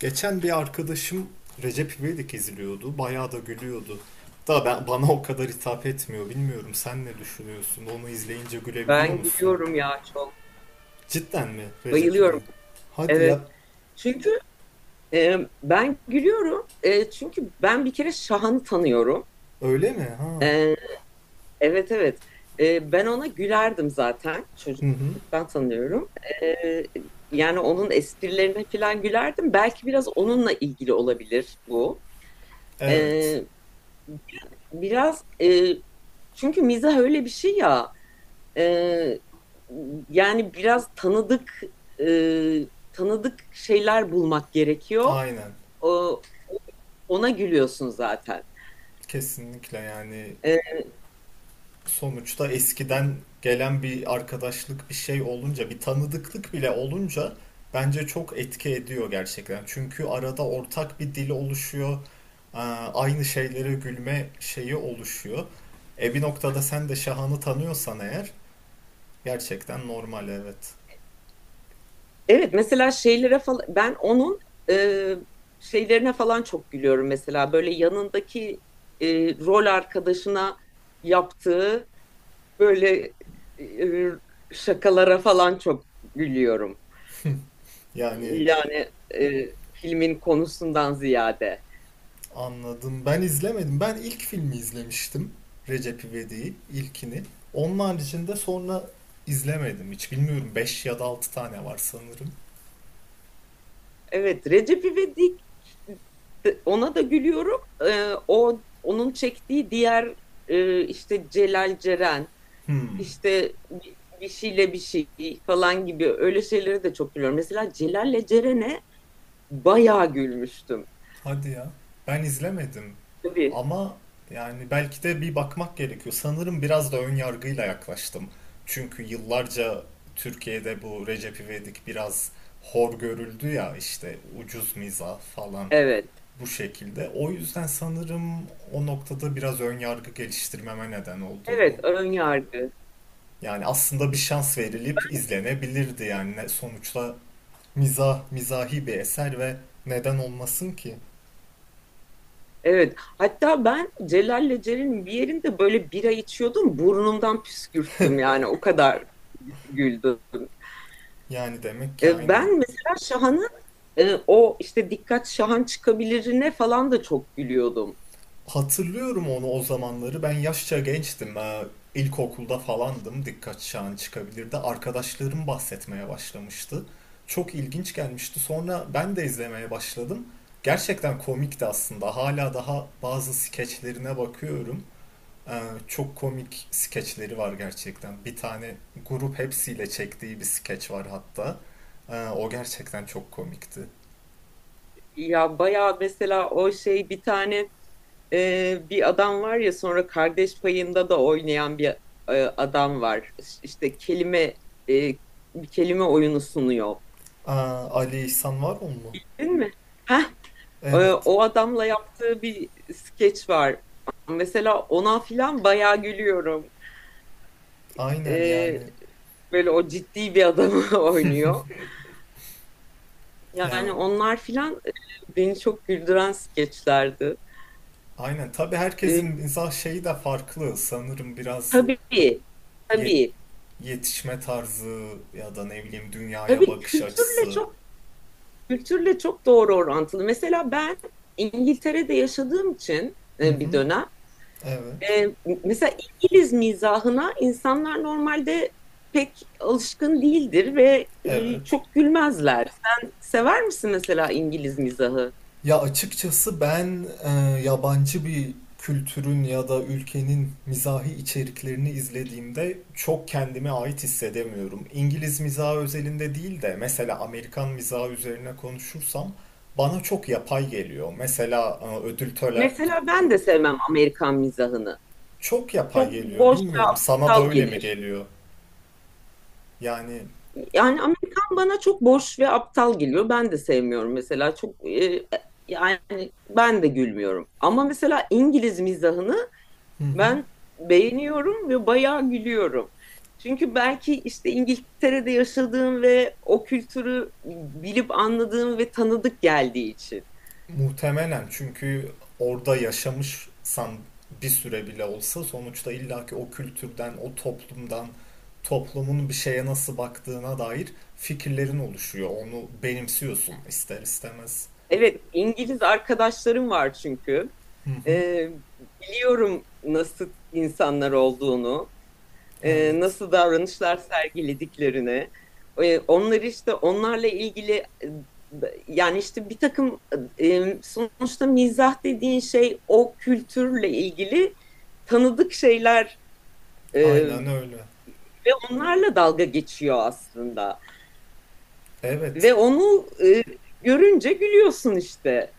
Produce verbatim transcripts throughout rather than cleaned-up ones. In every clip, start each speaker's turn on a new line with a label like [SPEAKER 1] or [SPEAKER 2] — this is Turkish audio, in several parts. [SPEAKER 1] Geçen bir arkadaşım Recep İvedik izliyordu. Bayağı da gülüyordu. Da ben, bana o kadar hitap etmiyor. Bilmiyorum sen ne düşünüyorsun? Onu izleyince gülebiliyor
[SPEAKER 2] Ben
[SPEAKER 1] musun?
[SPEAKER 2] gülüyorum ya çok.
[SPEAKER 1] Cidden mi Recep
[SPEAKER 2] Bayılıyorum.
[SPEAKER 1] İvedik? Hadi
[SPEAKER 2] Evet.
[SPEAKER 1] yap.
[SPEAKER 2] Çünkü e, ben gülüyorum. E, çünkü ben bir kere Şahan'ı tanıyorum.
[SPEAKER 1] Öyle mi? Ha.
[SPEAKER 2] E, evet, evet. E, ben ona gülerdim zaten.
[SPEAKER 1] Hı hı.
[SPEAKER 2] Çocukluktan tanıyorum. E, Yani onun esprilerine falan gülerdim. Belki biraz onunla ilgili olabilir bu.
[SPEAKER 1] Evet.
[SPEAKER 2] E, Biraz e, çünkü mizah öyle bir şey ya. Ee, Yani biraz tanıdık e, tanıdık şeyler bulmak gerekiyor.
[SPEAKER 1] Aynen.
[SPEAKER 2] O- Ona gülüyorsun zaten.
[SPEAKER 1] Kesinlikle yani
[SPEAKER 2] Ee,
[SPEAKER 1] sonuçta eskiden gelen bir arkadaşlık bir şey olunca bir tanıdıklık bile olunca bence çok etki ediyor gerçekten. Çünkü arada ortak bir dil oluşuyor. Ee, Aynı şeylere gülme şeyi oluşuyor. E bir noktada sen de Şahan'ı tanıyorsan eğer gerçekten normal evet.
[SPEAKER 2] evet, mesela şeylere falan ben onun e, şeylerine falan çok gülüyorum, mesela böyle yanındaki e, rol arkadaşına yaptığı böyle e, şakalara falan çok gülüyorum.
[SPEAKER 1] Yani
[SPEAKER 2] Yani e, filmin konusundan ziyade.
[SPEAKER 1] anladım. Ben izlemedim. Ben ilk filmi izlemiştim. Recep İvedik'i ilkini. Onun haricinde sonra izlemedim hiç. Bilmiyorum beş ya da altı tane var sanırım.
[SPEAKER 2] Evet, Recep İvedik e, ona da gülüyorum. Ee, o, onun çektiği diğer e, işte Celal Ceren
[SPEAKER 1] Hmm.
[SPEAKER 2] işte bir şeyle bir şey falan gibi öyle şeylere de çok gülüyorum. Mesela Celal'le Ceren'e bayağı gülmüştüm.
[SPEAKER 1] Hadi ya. Ben izlemedim
[SPEAKER 2] Tabii.
[SPEAKER 1] ama yani belki de bir bakmak gerekiyor. Sanırım biraz da ön yargıyla yaklaştım. Çünkü yıllarca Türkiye'de bu Recep İvedik biraz hor görüldü ya işte ucuz mizah falan
[SPEAKER 2] Evet.
[SPEAKER 1] bu şekilde. O yüzden sanırım o noktada biraz ön yargı geliştirmeme neden oldu
[SPEAKER 2] Evet,
[SPEAKER 1] bu.
[SPEAKER 2] ön yargı.
[SPEAKER 1] Yani aslında bir şans verilip izlenebilirdi yani Ne- sonuçta mizah, mizahi bir eser ve neden olmasın ki?
[SPEAKER 2] Evet. Hatta ben Celal'le Ceren'in bir yerinde böyle bira içiyordum. Burnumdan püskürttüm, yani o kadar güldüm.
[SPEAKER 1] Yani demek ki
[SPEAKER 2] E,
[SPEAKER 1] aynen.
[SPEAKER 2] Ben mesela Şahan'ın e, o işte dikkat Şahan çıkabilirine falan da çok gülüyordum.
[SPEAKER 1] Hatırlıyorum onu o zamanları. Ben yaşça gençtim. Ee, İlkokulda falandım. Dikkat çağın çıkabilirdi. Arkadaşlarım bahsetmeye başlamıştı. Çok ilginç gelmişti. Sonra ben de izlemeye başladım. Gerçekten komikti aslında. Hala daha bazı skeçlerine bakıyorum. Ee, çok komik skeçleri var gerçekten. Bir tane grup hepsiyle çektiği bir skeç var hatta. Ee, o gerçekten çok komikti.
[SPEAKER 2] Ya bayağı, mesela o şey, bir tane e, bir adam var ya, sonra Kardeş Payı'nda da oynayan bir e, adam var. İş- İşte kelime e, bir kelime oyunu sunuyor.
[SPEAKER 1] Aa, Ali İhsan var o mu?
[SPEAKER 2] Değil mi? Heh, e,
[SPEAKER 1] Evet.
[SPEAKER 2] O adamla yaptığı bir skeç var. Mesela ona filan bayağı gülüyorum.
[SPEAKER 1] Aynen
[SPEAKER 2] E,
[SPEAKER 1] yani.
[SPEAKER 2] Böyle o ciddi bir adamı oynuyor.
[SPEAKER 1] Ee,
[SPEAKER 2] Yani onlar filan e, beni çok güldüren skeçlerdi.
[SPEAKER 1] Aynen. Tabii
[SPEAKER 2] Ee,
[SPEAKER 1] herkesin mizah şeyi de farklı. Sanırım biraz
[SPEAKER 2] tabii,
[SPEAKER 1] yet-
[SPEAKER 2] tabii,
[SPEAKER 1] yetişme tarzı ya da ne bileyim dünyaya
[SPEAKER 2] tabii,
[SPEAKER 1] bakış
[SPEAKER 2] kültürle
[SPEAKER 1] açısı.
[SPEAKER 2] çok kültürle çok doğru orantılı. Mesela ben İngiltere'de yaşadığım için
[SPEAKER 1] Hı
[SPEAKER 2] e, bir
[SPEAKER 1] hı.
[SPEAKER 2] dönem
[SPEAKER 1] Evet.
[SPEAKER 2] e, mesela İngiliz mizahına insanlar normalde pek alışkın değildir ve e,
[SPEAKER 1] Evet.
[SPEAKER 2] çok gülmezler. Sen sever misin mesela İngiliz mizahı?
[SPEAKER 1] Ya açıkçası ben e, yabancı bir kültürün ya da ülkenin mizahi içeriklerini izlediğimde çok kendime ait hissedemiyorum. İngiliz mizahı özelinde değil de mesela Amerikan mizahı üzerine konuşursam bana çok yapay geliyor. Mesela e, ödül töre-.
[SPEAKER 2] Mesela ben de sevmem Amerikan mizahını.
[SPEAKER 1] Çok yapay
[SPEAKER 2] Çok
[SPEAKER 1] geliyor.
[SPEAKER 2] boş ve
[SPEAKER 1] Bilmiyorum sana da
[SPEAKER 2] aptal
[SPEAKER 1] öyle mi
[SPEAKER 2] gelir.
[SPEAKER 1] geliyor? Yani.
[SPEAKER 2] Yani Amerikan bana çok boş ve aptal geliyor. Ben de sevmiyorum mesela. Çok e, yani ben de gülmüyorum. Ama mesela İngiliz mizahını
[SPEAKER 1] Hı hı.
[SPEAKER 2] ben beğeniyorum ve bayağı gülüyorum. Çünkü belki işte İngiltere'de yaşadığım ve o kültürü bilip anladığım ve tanıdık geldiği için.
[SPEAKER 1] Muhtemelen çünkü orada yaşamışsan bir süre bile olsa sonuçta illaki o kültürden, o toplumdan, toplumun bir şeye nasıl baktığına dair fikirlerin oluşuyor. Onu benimsiyorsun ister istemez.
[SPEAKER 2] Evet, İngiliz arkadaşlarım var çünkü.
[SPEAKER 1] Hı hı.
[SPEAKER 2] Ee, Biliyorum nasıl insanlar olduğunu, e,
[SPEAKER 1] Evet.
[SPEAKER 2] nasıl davranışlar sergilediklerini. Ee, onları, işte onlarla ilgili e, yani işte bir takım e, sonuçta mizah dediğin şey o kültürle ilgili tanıdık şeyler e,
[SPEAKER 1] Aynen öyle.
[SPEAKER 2] ve onlarla dalga geçiyor aslında.
[SPEAKER 1] Evet.
[SPEAKER 2] Ve onu e, görünce gülüyorsun işte.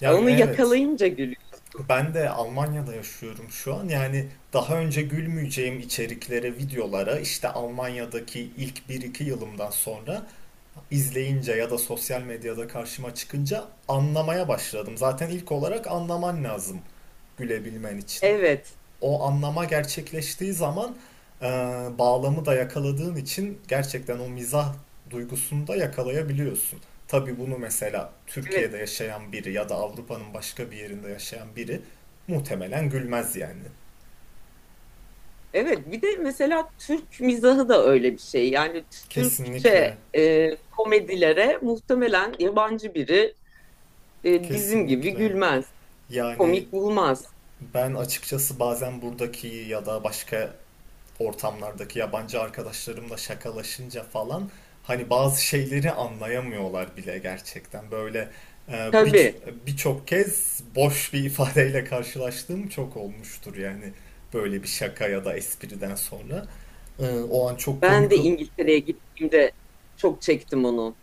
[SPEAKER 1] Yani
[SPEAKER 2] Onu
[SPEAKER 1] evet.
[SPEAKER 2] yakalayınca gülüyorsun.
[SPEAKER 1] Ben de Almanya'da yaşıyorum şu an. Yani daha önce gülmeyeceğim içeriklere, videolara işte Almanya'daki ilk bir iki yılımdan sonra izleyince ya da sosyal medyada karşıma çıkınca anlamaya başladım. Zaten ilk olarak anlaman lazım gülebilmen için. O,
[SPEAKER 2] Evet,
[SPEAKER 1] o anlama gerçekleştiği zaman e, bağlamı da yakaladığın için gerçekten o mizah duygusunu da yakalayabiliyorsun. Tabii bunu mesela
[SPEAKER 2] evet,
[SPEAKER 1] Türkiye'de yaşayan biri ya da Avrupa'nın başka bir yerinde yaşayan biri muhtemelen gülmez yani.
[SPEAKER 2] evet. Bir de mesela Türk mizahı da öyle bir şey. Yani
[SPEAKER 1] Kesinlikle,
[SPEAKER 2] Türkçe e, komedilere muhtemelen yabancı biri e, bizim gibi
[SPEAKER 1] kesinlikle.
[SPEAKER 2] gülmez,
[SPEAKER 1] Yani
[SPEAKER 2] komik bulmaz.
[SPEAKER 1] ben açıkçası bazen buradaki ya da başka ortamlardaki yabancı arkadaşlarımla şakalaşınca falan hani bazı şeyleri anlayamıyorlar bile gerçekten. Böyle e, bir
[SPEAKER 2] Tabii
[SPEAKER 1] birçok kez boş bir ifadeyle karşılaştığım çok olmuştur yani böyle bir şaka ya da espriden sonra. E, o an çok
[SPEAKER 2] ben de
[SPEAKER 1] komik o-
[SPEAKER 2] İngiltere'ye gittiğimde çok çektim onu.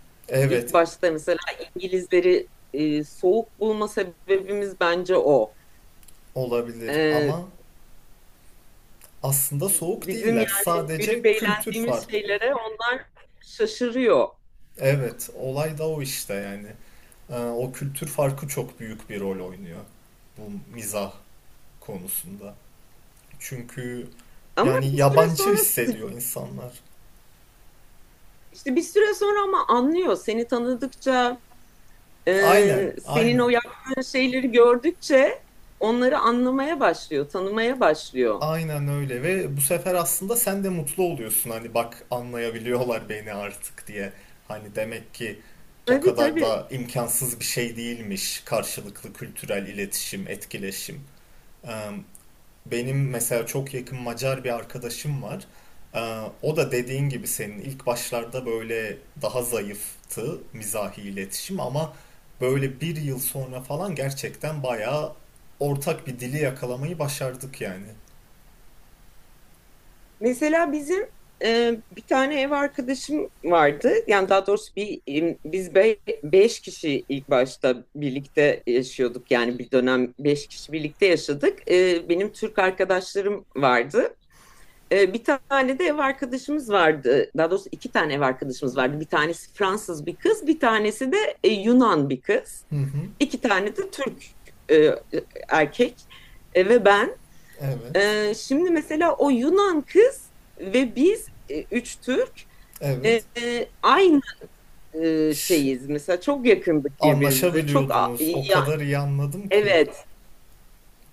[SPEAKER 2] İlk
[SPEAKER 1] Evet,
[SPEAKER 2] başta mesela İngilizleri e, soğuk bulma sebebimiz bence o.
[SPEAKER 1] olabilir
[SPEAKER 2] E,
[SPEAKER 1] ama aslında soğuk
[SPEAKER 2] Bizim
[SPEAKER 1] değiller.
[SPEAKER 2] yani
[SPEAKER 1] Sadece
[SPEAKER 2] gülüp
[SPEAKER 1] kültür fark.
[SPEAKER 2] eğlendiğimiz şeylere onlar şaşırıyor.
[SPEAKER 1] Evet, olay da o işte yani. E, o kültür farkı çok büyük bir rol oynuyor bu mizah konusunda. Çünkü
[SPEAKER 2] Ama
[SPEAKER 1] yani
[SPEAKER 2] bir süre
[SPEAKER 1] yabancı
[SPEAKER 2] sonra sı-
[SPEAKER 1] hissediyor insanlar.
[SPEAKER 2] işte bir süre sonra ama anlıyor seni tanıdıkça,
[SPEAKER 1] Aynen,
[SPEAKER 2] e, senin o
[SPEAKER 1] aynen.
[SPEAKER 2] yaptığın şeyleri gördükçe onları anlamaya başlıyor, tanımaya başlıyor.
[SPEAKER 1] Aynen öyle ve bu sefer aslında sen de mutlu oluyorsun hani bak anlayabiliyorlar beni artık diye. Hani demek ki o
[SPEAKER 2] Tabii,
[SPEAKER 1] kadar
[SPEAKER 2] tabii.
[SPEAKER 1] da imkansız bir şey değilmiş karşılıklı kültürel iletişim, etkileşim. Eee, Benim mesela çok yakın Macar bir arkadaşım var. Ee, o da dediğin gibi senin ilk başlarda böyle daha zayıftı mizahi iletişim ama böyle bir yıl sonra falan gerçekten bayağı ortak bir dili yakalamayı başardık yani.
[SPEAKER 2] Mesela bizim e, bir tane ev arkadaşım vardı. Yani daha doğrusu bir e, biz be- beş kişi ilk başta birlikte yaşıyorduk. Yani bir dönem beş kişi birlikte yaşadık. E, benim Türk arkadaşlarım vardı. Ee, bir tane de ev arkadaşımız vardı. Daha doğrusu iki tane ev arkadaşımız vardı. Bir tanesi Fransız bir kız, bir tanesi de e, Yunan bir kız.
[SPEAKER 1] Hı hı.
[SPEAKER 2] İki tane de Türk e, erkek, E, ve ben.
[SPEAKER 1] Evet.
[SPEAKER 2] E, şimdi mesela o Yunan kız ve biz e, üç Türk, e,
[SPEAKER 1] Evet.
[SPEAKER 2] e, aynı e,
[SPEAKER 1] Ş-
[SPEAKER 2] şeyiz. Mesela çok yakındık birbirimize. Çok a-
[SPEAKER 1] Anlaşabiliyordunuz. O
[SPEAKER 2] ya,
[SPEAKER 1] kadar iyi anladım ki.
[SPEAKER 2] evet.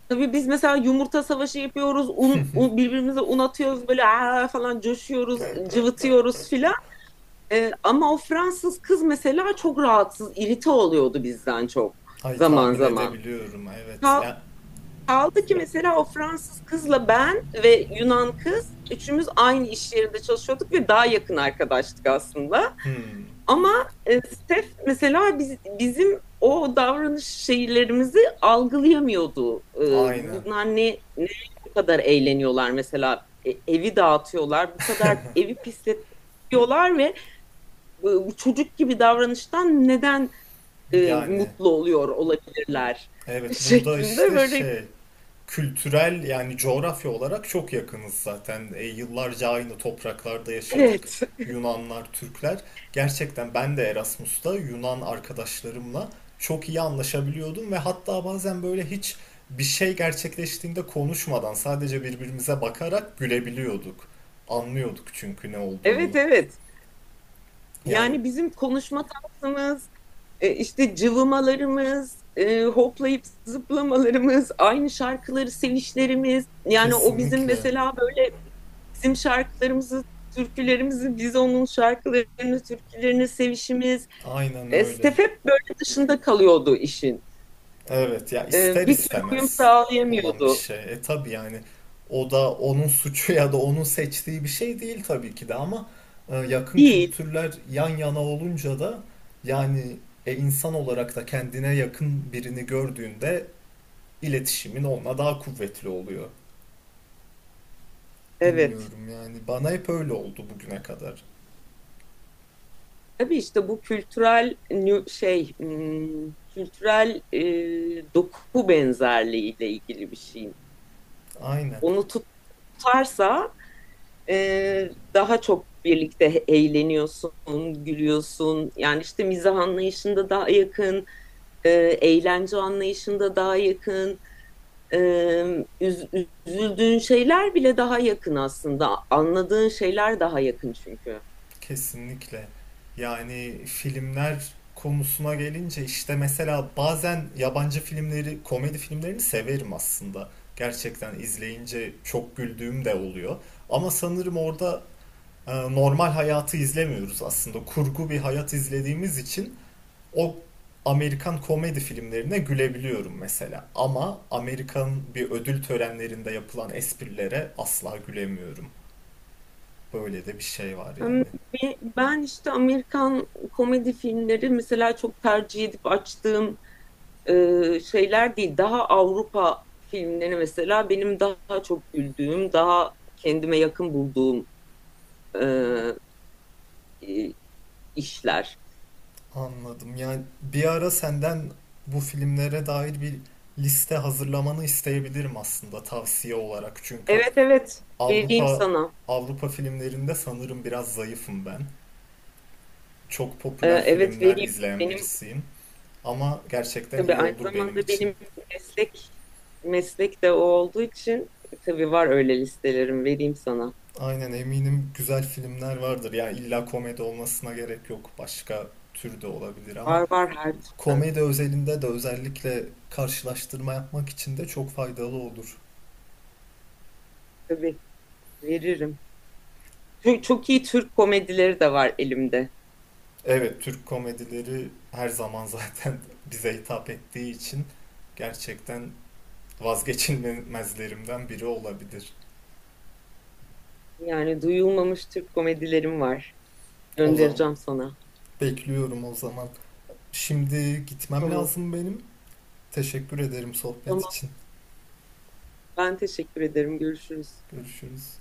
[SPEAKER 2] Tabii biz mesela yumurta savaşı yapıyoruz. Un, un- birbirimize un atıyoruz, böyle "Aa!" falan, coşuyoruz, cıvıtıyoruz filan. Ee, ama o Fransız kız mesela çok rahatsız, irite oluyordu bizden çok
[SPEAKER 1] Ay
[SPEAKER 2] zaman
[SPEAKER 1] tahmin
[SPEAKER 2] zaman.
[SPEAKER 1] edebiliyorum. Evet.
[SPEAKER 2] Kal-
[SPEAKER 1] Ya,
[SPEAKER 2] Kaldı ki mesela o Fransız kızla ben ve Yunan kız üçümüz aynı iş yerinde çalışıyorduk ve daha yakın arkadaştık aslında.
[SPEAKER 1] hmm.
[SPEAKER 2] Ama e, Steph mesela biz, bizim o davranış şeylerimizi algılayamıyordu. Ee,
[SPEAKER 1] Aynen.
[SPEAKER 2] bunlar ne, ne bu kadar eğleniyorlar mesela, E, evi dağıtıyorlar, bu kadar evi pisletiyorlar ve bu çocuk gibi davranıştan neden e,
[SPEAKER 1] Yani
[SPEAKER 2] mutlu oluyor olabilirler
[SPEAKER 1] evet burada
[SPEAKER 2] şeklinde
[SPEAKER 1] işte
[SPEAKER 2] böyle,
[SPEAKER 1] şey kültürel yani coğrafya olarak çok yakınız zaten. E, yıllarca aynı topraklarda yaşadık.
[SPEAKER 2] evet,
[SPEAKER 1] Yunanlar, Türkler. Gerçekten ben de Erasmus'ta Yunan arkadaşlarımla çok iyi anlaşabiliyordum ve hatta bazen böyle hiç bir şey gerçekleştiğinde konuşmadan sadece birbirimize bakarak gülebiliyorduk. Anlıyorduk çünkü ne olduğunu.
[SPEAKER 2] evet, evet.
[SPEAKER 1] Yani
[SPEAKER 2] Yani bizim konuşma tarzımız, e, işte cıvımalarımız, e, hoplayıp zıplamalarımız, aynı şarkıları sevişlerimiz, yani o bizim
[SPEAKER 1] kesinlikle
[SPEAKER 2] mesela böyle bizim şarkılarımızı, türkülerimizi, biz onun şarkılarını, türkülerini sevişimiz,
[SPEAKER 1] aynen
[SPEAKER 2] e,
[SPEAKER 1] öyle.
[SPEAKER 2] Stef hep böyle dışında kalıyordu işin,
[SPEAKER 1] Evet ya
[SPEAKER 2] e,
[SPEAKER 1] ister
[SPEAKER 2] bir türlü uyum
[SPEAKER 1] istemez olan bir
[SPEAKER 2] sağlayamıyordu.
[SPEAKER 1] şey. E tabii yani o da onun suçu ya da onun seçtiği bir şey değil tabii ki de ama e, yakın
[SPEAKER 2] Değil.
[SPEAKER 1] kültürler yan yana olunca da yani e, insan olarak da kendine yakın birini gördüğünde iletişimin onunla daha kuvvetli oluyor.
[SPEAKER 2] Evet.
[SPEAKER 1] Bilmiyorum yani bana hep öyle oldu bugüne kadar.
[SPEAKER 2] Tabii işte bu kültürel nü- şey, hmm, kültürel e, doku benzerliğiyle ilgili bir şey.
[SPEAKER 1] Aynen.
[SPEAKER 2] Onu tutarsa e, daha çok birlikte eğleniyorsun, gülüyorsun. Yani işte mizah anlayışında daha yakın, e, eğlence anlayışında daha yakın. E, üz- Üzüldüğün şeyler bile daha yakın aslında. Anladığın şeyler daha yakın çünkü.
[SPEAKER 1] Kesinlikle. Yani filmler konusuna gelince işte mesela bazen yabancı filmleri, komedi filmlerini severim aslında. Gerçekten izleyince çok güldüğüm de oluyor. Ama sanırım orada e, normal hayatı izlemiyoruz aslında. Kurgu bir hayat izlediğimiz için o Amerikan komedi filmlerine gülebiliyorum mesela. Ama Amerikan bir ödül törenlerinde yapılan esprilere asla gülemiyorum. Böyle de bir şey var
[SPEAKER 2] Em,
[SPEAKER 1] yani.
[SPEAKER 2] be- Ben işte Amerikan komedi filmleri mesela çok tercih edip açtığım e, şeyler değil. Daha Avrupa filmleri mesela benim daha çok güldüğüm, daha kendime yakın bulduğum e, e, işler.
[SPEAKER 1] Anladım. Yani bir ara senden bu filmlere dair bir liste hazırlamanı isteyebilirim aslında tavsiye olarak. Çünkü
[SPEAKER 2] Evet, vereyim
[SPEAKER 1] Avrupa
[SPEAKER 2] sana.
[SPEAKER 1] Avrupa filmlerinde sanırım biraz zayıfım ben. Çok
[SPEAKER 2] E,
[SPEAKER 1] popüler
[SPEAKER 2] evet,
[SPEAKER 1] filmler
[SPEAKER 2] vereyim.
[SPEAKER 1] izleyen
[SPEAKER 2] Benim,
[SPEAKER 1] birisiyim. Ama gerçekten
[SPEAKER 2] tabii
[SPEAKER 1] iyi
[SPEAKER 2] aynı
[SPEAKER 1] olur benim
[SPEAKER 2] zamanda
[SPEAKER 1] için.
[SPEAKER 2] benim meslek meslek de o olduğu için tabii var öyle listelerim, vereyim sana.
[SPEAKER 1] Aynen eminim güzel filmler vardır. Yani illa komedi olmasına gerek yok. Başka tür de olabilir ama
[SPEAKER 2] Var, var, her türden.
[SPEAKER 1] komedi özelinde de özellikle karşılaştırma yapmak için de çok faydalı olur.
[SPEAKER 2] Tabii veririm. Çok, çok iyi Türk komedileri de var elimde.
[SPEAKER 1] Evet, Türk komedileri her zaman zaten bize hitap ettiği için gerçekten vazgeçilmezlerimden biri olabilir.
[SPEAKER 2] Yani duyulmamış Türk komedilerim var.
[SPEAKER 1] O zaman
[SPEAKER 2] Göndereceğim sana.
[SPEAKER 1] bekliyorum o zaman. Şimdi gitmem
[SPEAKER 2] Tamam.
[SPEAKER 1] lazım benim. Teşekkür ederim sohbet
[SPEAKER 2] Tamam.
[SPEAKER 1] için.
[SPEAKER 2] Ben teşekkür ederim. Görüşürüz.
[SPEAKER 1] Görüşürüz.